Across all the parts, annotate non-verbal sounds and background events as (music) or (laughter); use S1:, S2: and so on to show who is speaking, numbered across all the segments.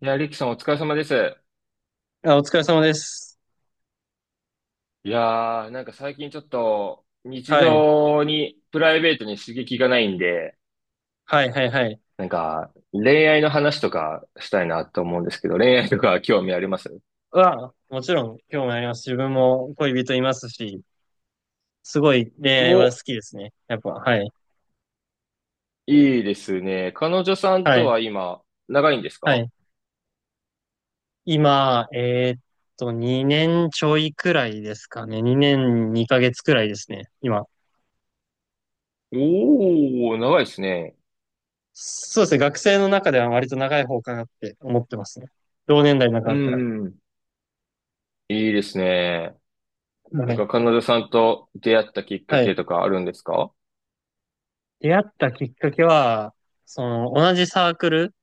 S1: いや、リキさんお疲れ様です。
S2: あ、お疲れ様です。
S1: いやー、なんか最近ちょっと日
S2: はい。
S1: 常にプライベートに刺激がないんで、
S2: はい、はい、はい。
S1: なんか恋愛の話とかしたいなと思うんですけど、恋愛とか興味あります？
S2: もちろん、興味あります。自分も恋人いますし、すごい恋愛
S1: お、
S2: は好きですね。やっぱ、はい。
S1: いいですね。彼女さん
S2: は
S1: と
S2: い、
S1: は今、長いんです
S2: は
S1: か？
S2: い。今、2年ちょいくらいですかね。2年2ヶ月くらいですね。今。
S1: おー、長いですね。
S2: そうですね。学生の中では割と長い方かなって思ってますね。同年代の中
S1: う
S2: だったら。
S1: んうん。いいですね。な
S2: は
S1: んか
S2: い。
S1: 彼女さんと出会ったきっか
S2: はい。
S1: けとかあるんですか？
S2: 出会ったきっかけは、その、同じサークル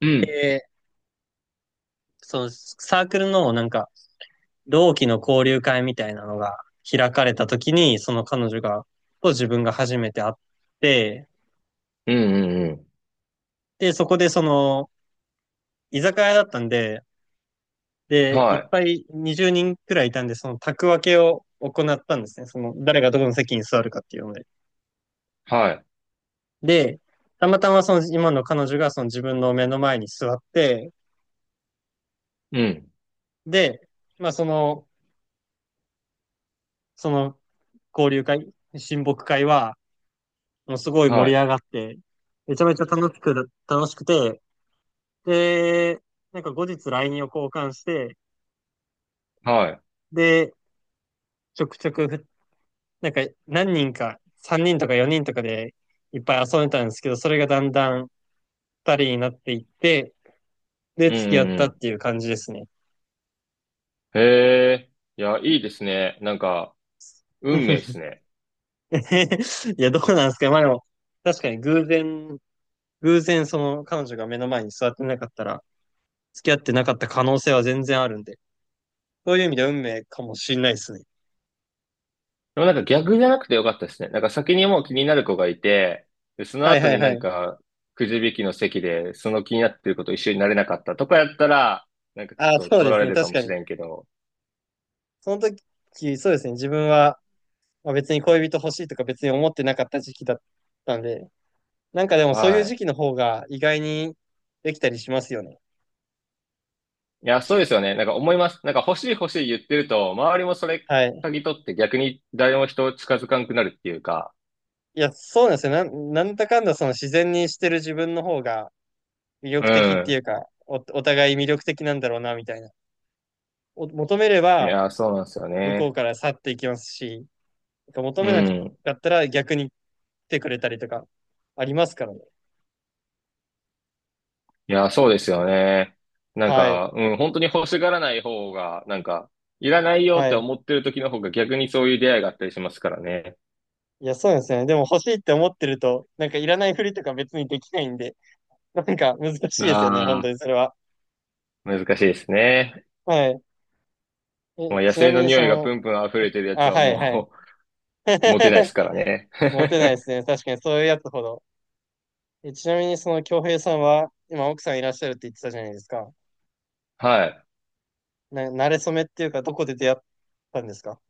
S1: うん。
S2: で、その、サークルのなんか、同期の交流会みたいなのが開かれた時に、その彼女が、と自分が初めて会って、
S1: うんうんう
S2: で、そこでその、居酒屋だったんで、
S1: ん。
S2: で、い
S1: は
S2: っ
S1: い。
S2: ぱい20人くらいいたんで、その宅分けを行ったんですね。その、誰がどこの席に座るかっていうので。
S1: はい。
S2: で、たまたまその今の彼女がその自分の目の前に座って、
S1: うん。
S2: で、まあその、その交流会、親睦会は、もうすごい
S1: は
S2: 盛り
S1: い。
S2: 上がって、めちゃめちゃ楽しく、楽しくて、で、なんか後日 LINE を交換して、
S1: はい。
S2: で、ちょくちょくなんか何人か、3人とか4人とかでいっぱい遊んでたんですけど、それがだんだん2人になっていって、で、
S1: うん
S2: 付き合
S1: う
S2: っ
S1: ん
S2: た
S1: う
S2: っ
S1: ん。
S2: ていう感じですね。
S1: へえ。いや、いいですね。なんか、運命で
S2: (laughs)
S1: すね。
S2: いや、どうなんですか？まあでも、確かに偶然、偶然その彼女が目の前に座ってなかったら、付き合ってなかった可能性は全然あるんで、そういう意味では運命かもしれないですね。
S1: でもなんか逆じゃなくてよかったですね。なんか先にもう気になる子がいて、で、その
S2: はい
S1: 後
S2: はい
S1: にな
S2: は
S1: ん
S2: い。
S1: か、くじ引きの席で、その気になってる子と一緒になれなかったとかやったら、なんかち
S2: ああ、
S1: ょっと
S2: そう
S1: 取
S2: で
S1: ら
S2: す
S1: れ
S2: ね。
S1: るか
S2: 確
S1: も
S2: か
S1: し
S2: に。
S1: れんけど。
S2: その時、そうですね。自分は、まあ、別に恋人欲しいとか別に思ってなかった時期だったんで、なんかでもそういう
S1: は
S2: 時期の方が意外にできたりしますよね。
S1: い。いや、そうですよね。なんか思います。なんか欲しい欲しい言ってると、周りもそれ
S2: はい。
S1: 嗅ぎ取って逆に誰も人を近づかんくなるっていうか。
S2: いや、そうなんですよ。なんだかんだその自然にしてる自分の方が魅
S1: う
S2: 力的ってい
S1: ん。
S2: うか、お互い魅力的なんだろうな、みたいな。求めれ
S1: い
S2: ば
S1: や、そうなんですよ
S2: 向こう
S1: ね。
S2: から去っていきますし、求
S1: う
S2: めなか
S1: ん。
S2: ったら逆に来てくれたりとかありますからね。
S1: いや、そうですよね。なん
S2: はい。
S1: か、うん、本当に欲しがらない方が、なんか、いらないよっ
S2: は
S1: て
S2: い。
S1: 思ってる時の方が逆にそういう出会いがあったりしますからね。
S2: いや、そうなんですよね。でも欲しいって思ってると、なんかいらないふりとか別にできないんで、なんか難しいですよね、本
S1: あ
S2: 当にそれは。
S1: あ、難しいですね。
S2: はい。
S1: も
S2: え、
S1: う野
S2: ちな
S1: 生
S2: み
S1: の
S2: に
S1: 匂
S2: そ
S1: いがプ
S2: の、
S1: ンプン溢れてるやつ
S2: あ、
S1: は
S2: はいはい。
S1: もう、(laughs) モテないですか
S2: (laughs)
S1: らね。
S2: モテないですね。確かにそういうやつほど。え、ちなみにその京平さんは、今奥さんいらっしゃるって言ってたじゃないですか。
S1: (laughs) はい。
S2: 馴れ初めっていうか、どこで出会ったんですか？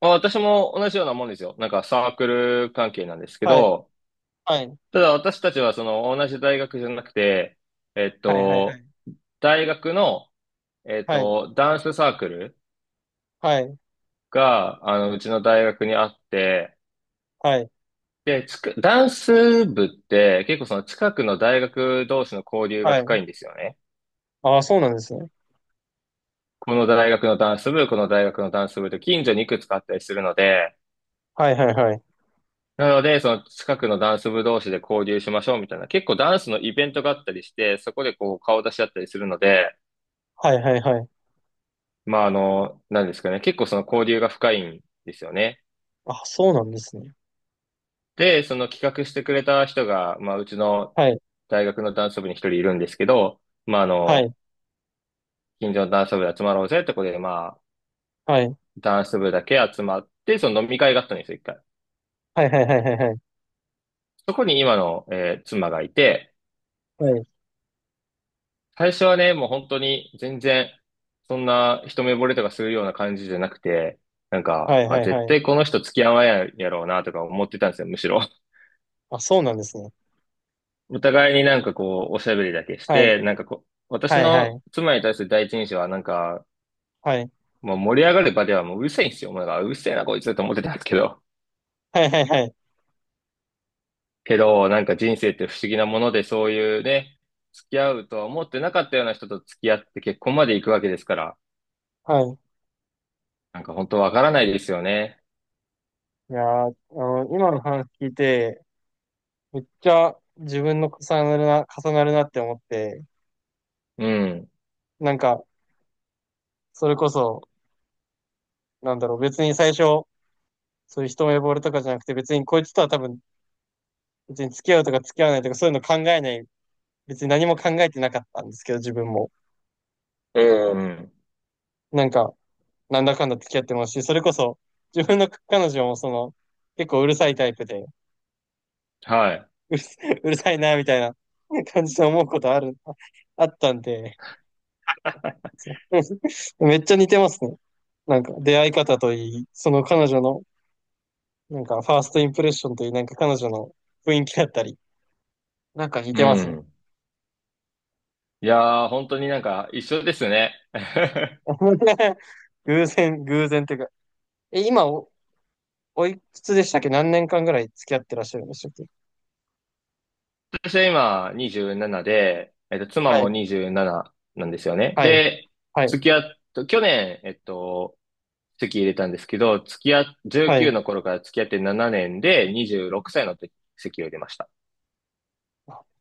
S1: まあ、私も同じようなもんですよ。なんかサークル関係なんですけ
S2: はい。
S1: ど、
S2: はい。
S1: ただ私たちはその同じ大学じゃなくて、えっ
S2: はいはいは
S1: と、
S2: い。
S1: 大学の、
S2: はい。
S1: ダンスサークル
S2: は
S1: が、あの、うちの大学にあって、
S2: い。
S1: で、ダンス部って結構その近くの大学同士の交流が
S2: は
S1: 深
S2: い。
S1: いんですよね。
S2: ああ、そうなんですね。
S1: この大学のダンス部と近所にいくつかあったりするので、
S2: はいはいはい。
S1: なので、その近くのダンス部同士で交流しましょうみたいな、結構ダンスのイベントがあったりして、そこでこう顔出し合ったりするので、
S2: はいはいはい。
S1: まああの、なんですかね、結構その交流が深いんですよね。
S2: あ、そうなんですね。
S1: で、その企画してくれた人が、まあ、うちの
S2: はい。
S1: 大学のダンス部に一人いるんですけど、まあ、あ
S2: はい。
S1: の、近所のダンス部で集まろうぜってことで、まあ、
S2: はい。
S1: ダンス部だけ集まって、その飲み会があったんですよ、一回。
S2: はいはいはいはいはい。
S1: そこに今の、妻がいて、
S2: はい。
S1: 最初はね、もう本当に全然、そんな一目惚れとかするような感じじゃなくて、なん
S2: は
S1: か、
S2: い
S1: あ、
S2: はい
S1: 絶
S2: はい。
S1: 対この人付き合わなややろうなとか思ってたんですよ、むしろ。
S2: あ、そうなんですね。
S1: (laughs) お互いになんかこう、おしゃべりだけし
S2: はい。
S1: て、なんかこう、私
S2: はいは
S1: の
S2: い。
S1: 妻に対する第一印象はなんか、
S2: はい。
S1: もう盛り上がる場ではもううるせえんですよ。お前がうるせえなこいつと思ってたんですけど。
S2: はいはいはい。
S1: けど、なんか人生って不思議なもので、そういうね、付き合うとは思ってなかったような人と付き合って結婚まで行くわけですから、
S2: はい。
S1: なんか本当わからないですよね。
S2: いやー、あの、今の話聞いて、めっちゃ自分の重なるな、重なるなって思って、
S1: うん、
S2: なんか、それこそ、なんだろう、別に最初、そういう一目惚れとかじゃなくて、別にこいつとは多分、別に付き合うとか付き合わないとか、そういうの考えない、別に何も考えてなかったんですけど、自分も。
S1: ううん。ん、
S2: なんか、なんだかんだ付き合ってますし、それこそ、自分の彼女もその、結構うるさいタイプで、
S1: はい、
S2: うる、(laughs) うるさいな、みたいな感じで思うことあったんで、(laughs) めっちゃ似てますね。なんか出会い方といい、その彼女の、なんかファーストインプレッションといい、なんか彼女の雰囲気だったり、なんか似
S1: う
S2: てますね。
S1: ん。いやー、本当になんか一緒ですね。(laughs)
S2: (laughs) 偶然、偶然っていうか、え、今おいくつでしたっけ？何年間ぐらい付き合ってらっしゃるんでしたっけ？
S1: 私は今27で、妻
S2: は
S1: も
S2: い、
S1: 27なんですよね。
S2: はい、
S1: で、
S2: はい、
S1: 付き合っと、去年、籍入れたんですけど、付き合っ、
S2: は
S1: 19
S2: い。
S1: の頃から付き合って7年で26歳の時籍を入れました。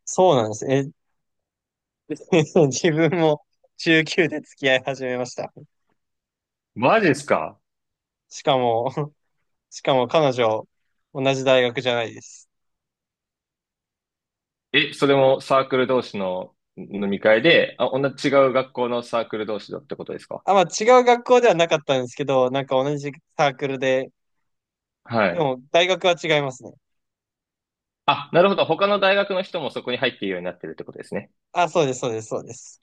S2: そうなんですねえ。(laughs) 自分も中級で付き合い始めました。
S1: マジですか？
S2: しかも、彼女、同じ大学じゃないです。
S1: え、それもサークル同士の飲み会で、あ、同じ違う学校のサークル同士だってことですか？
S2: あ、まあ違う学校ではなかったんですけど、なんか同じサークルで、
S1: は
S2: で
S1: い。
S2: も大学は違いますね。
S1: あ、なるほど。他の大学の人もそこに入っているようになってるってことですね。
S2: あ、そうです、そうです、そうです。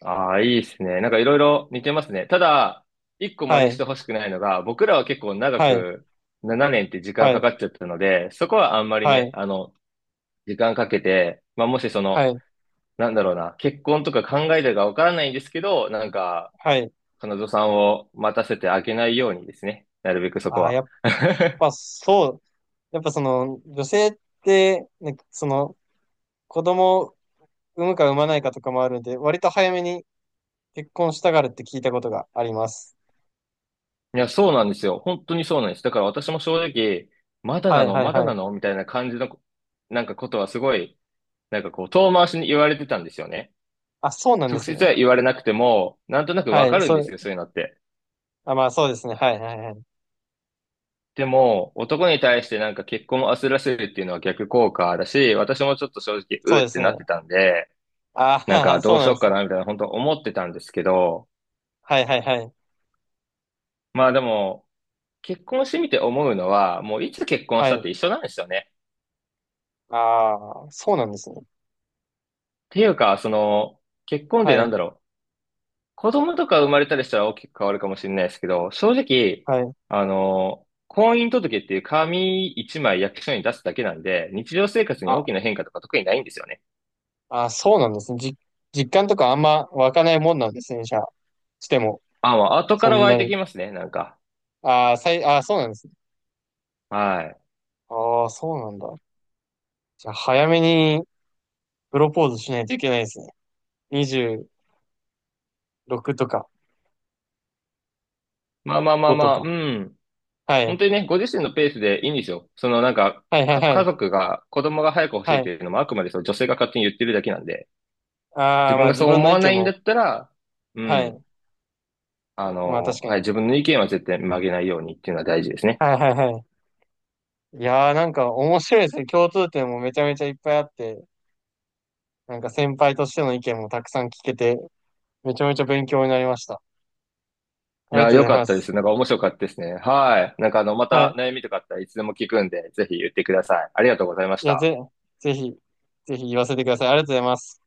S1: ああ、いいですね。なんかいろいろ似てますね。ただ、一個真
S2: は
S1: 似し
S2: い、
S1: てほしくないのが、僕らは結構長
S2: はい、
S1: く7年って時間
S2: は
S1: か
S2: い、
S1: かっちゃったので、そこはあんまり
S2: は
S1: ね、
S2: い、
S1: あの、時間かけて、まあ、もしそ
S2: は
S1: の、
S2: い、
S1: なんだろうな、結婚とか考えてるかわからないんですけど、なんか、
S2: はい。
S1: 彼女さんを待たせてあげないようにですね。なるべくそこ
S2: あ、
S1: は。(laughs)
S2: ぱそう、やっぱその女性って、なんかその子供を産むか産まないかとかもあるんで、割と早めに結婚したがるって聞いたことがあります。
S1: いや、そうなんですよ。本当にそうなんです。だから私も正直、まだ
S2: は
S1: な
S2: い、
S1: の、
S2: はい、
S1: まだ
S2: はい。
S1: なのみたいな感じの、なんかことはすごい、なんかこう、遠回しに言われてたんですよね。
S2: あ、そうなんで
S1: 直
S2: す
S1: 接
S2: ね。
S1: は言われなくても、なんとなく
S2: は
S1: わか
S2: い、
S1: るん
S2: そ
S1: です
S2: う、
S1: よ、そういうのって。
S2: あ、まあそうですね。はい、はい、はい。
S1: でも、男に対してなんか結婚を焦らせるっていうのは逆効果だし、私もちょっと正直、
S2: そ
S1: う
S2: う
S1: ー
S2: で
S1: っ
S2: す
S1: て
S2: ね。
S1: なってたんで、
S2: あ
S1: なんか
S2: あ、(laughs)
S1: ど
S2: そ
S1: う
S2: う
S1: し
S2: なん
S1: よ
S2: で
S1: う
S2: す
S1: か
S2: ね。
S1: なみたいな、本当思ってたんですけど、
S2: はい、はい、はい。
S1: まあでも、結婚してみて思うのは、もういつ結婚し
S2: は
S1: たっ
S2: い。
S1: て一緒なんですよね。
S2: ああ、そうなんですね。
S1: っていうか、その、結婚
S2: は
S1: でなん
S2: い、
S1: だろう、子供とか生まれたりしたら大きく変わるかもしれないですけど、正直、
S2: はい。
S1: あの、婚姻届っていう紙一枚役所に出すだけなんで、日常生活に
S2: あ、
S1: 大きな変化とか特にないんですよね。
S2: あ、そうなんですね。実感とかあんま湧かないもんなんですね、じゃあ。しても、
S1: あ、まあ後か
S2: そ
S1: ら
S2: ん
S1: 湧い
S2: な
S1: て
S2: に。
S1: きますね、なんか。
S2: ああ、ああ、そうなんですね。
S1: はい。
S2: ああ、そうなんだ。じゃあ、早めにプロポーズしないといけないですね。26とか
S1: まあまあまあ
S2: 5
S1: ま
S2: と
S1: あ、う
S2: か。
S1: ん。
S2: は
S1: 本
S2: い。
S1: 当にね、ご自身のペースでいいんですよ。そのなんか、
S2: はい、はい、は
S1: 家
S2: い。
S1: 族が、子供が早く欲しい
S2: は
S1: っ
S2: い。
S1: ていうのもあくまでその女性が勝手に言ってるだけなんで、
S2: あ
S1: 自
S2: あ、ま
S1: 分
S2: あ
S1: が
S2: 自
S1: そう
S2: 分
S1: 思
S2: の意
S1: わな
S2: 見
S1: いんだ
S2: も。
S1: ったら、う
S2: はい。
S1: ん、あ
S2: まあ確
S1: の、
S2: か
S1: はい、
S2: に。
S1: 自分の意見は絶対曲げないようにっていうのは大事ですね。
S2: はい、はい、はい。いやー、なんか面白いですね。共通点もめちゃめちゃいっぱいあって、なんか先輩としての意見もたくさん聞けて、めちゃめちゃ勉強になりました。
S1: い
S2: ありが
S1: や、
S2: とうご
S1: 良
S2: ざい
S1: か
S2: ま
S1: ったで
S2: す。
S1: す。なんか面白かったですね。はい。なんかあの、ま
S2: は
S1: た
S2: い。
S1: 悩みとかあったらいつでも聞くんで、ぜひ言ってください。ありがとうございまし
S2: いや、
S1: た。
S2: ぜひ、ぜひ言わせてください。ありがとうございます。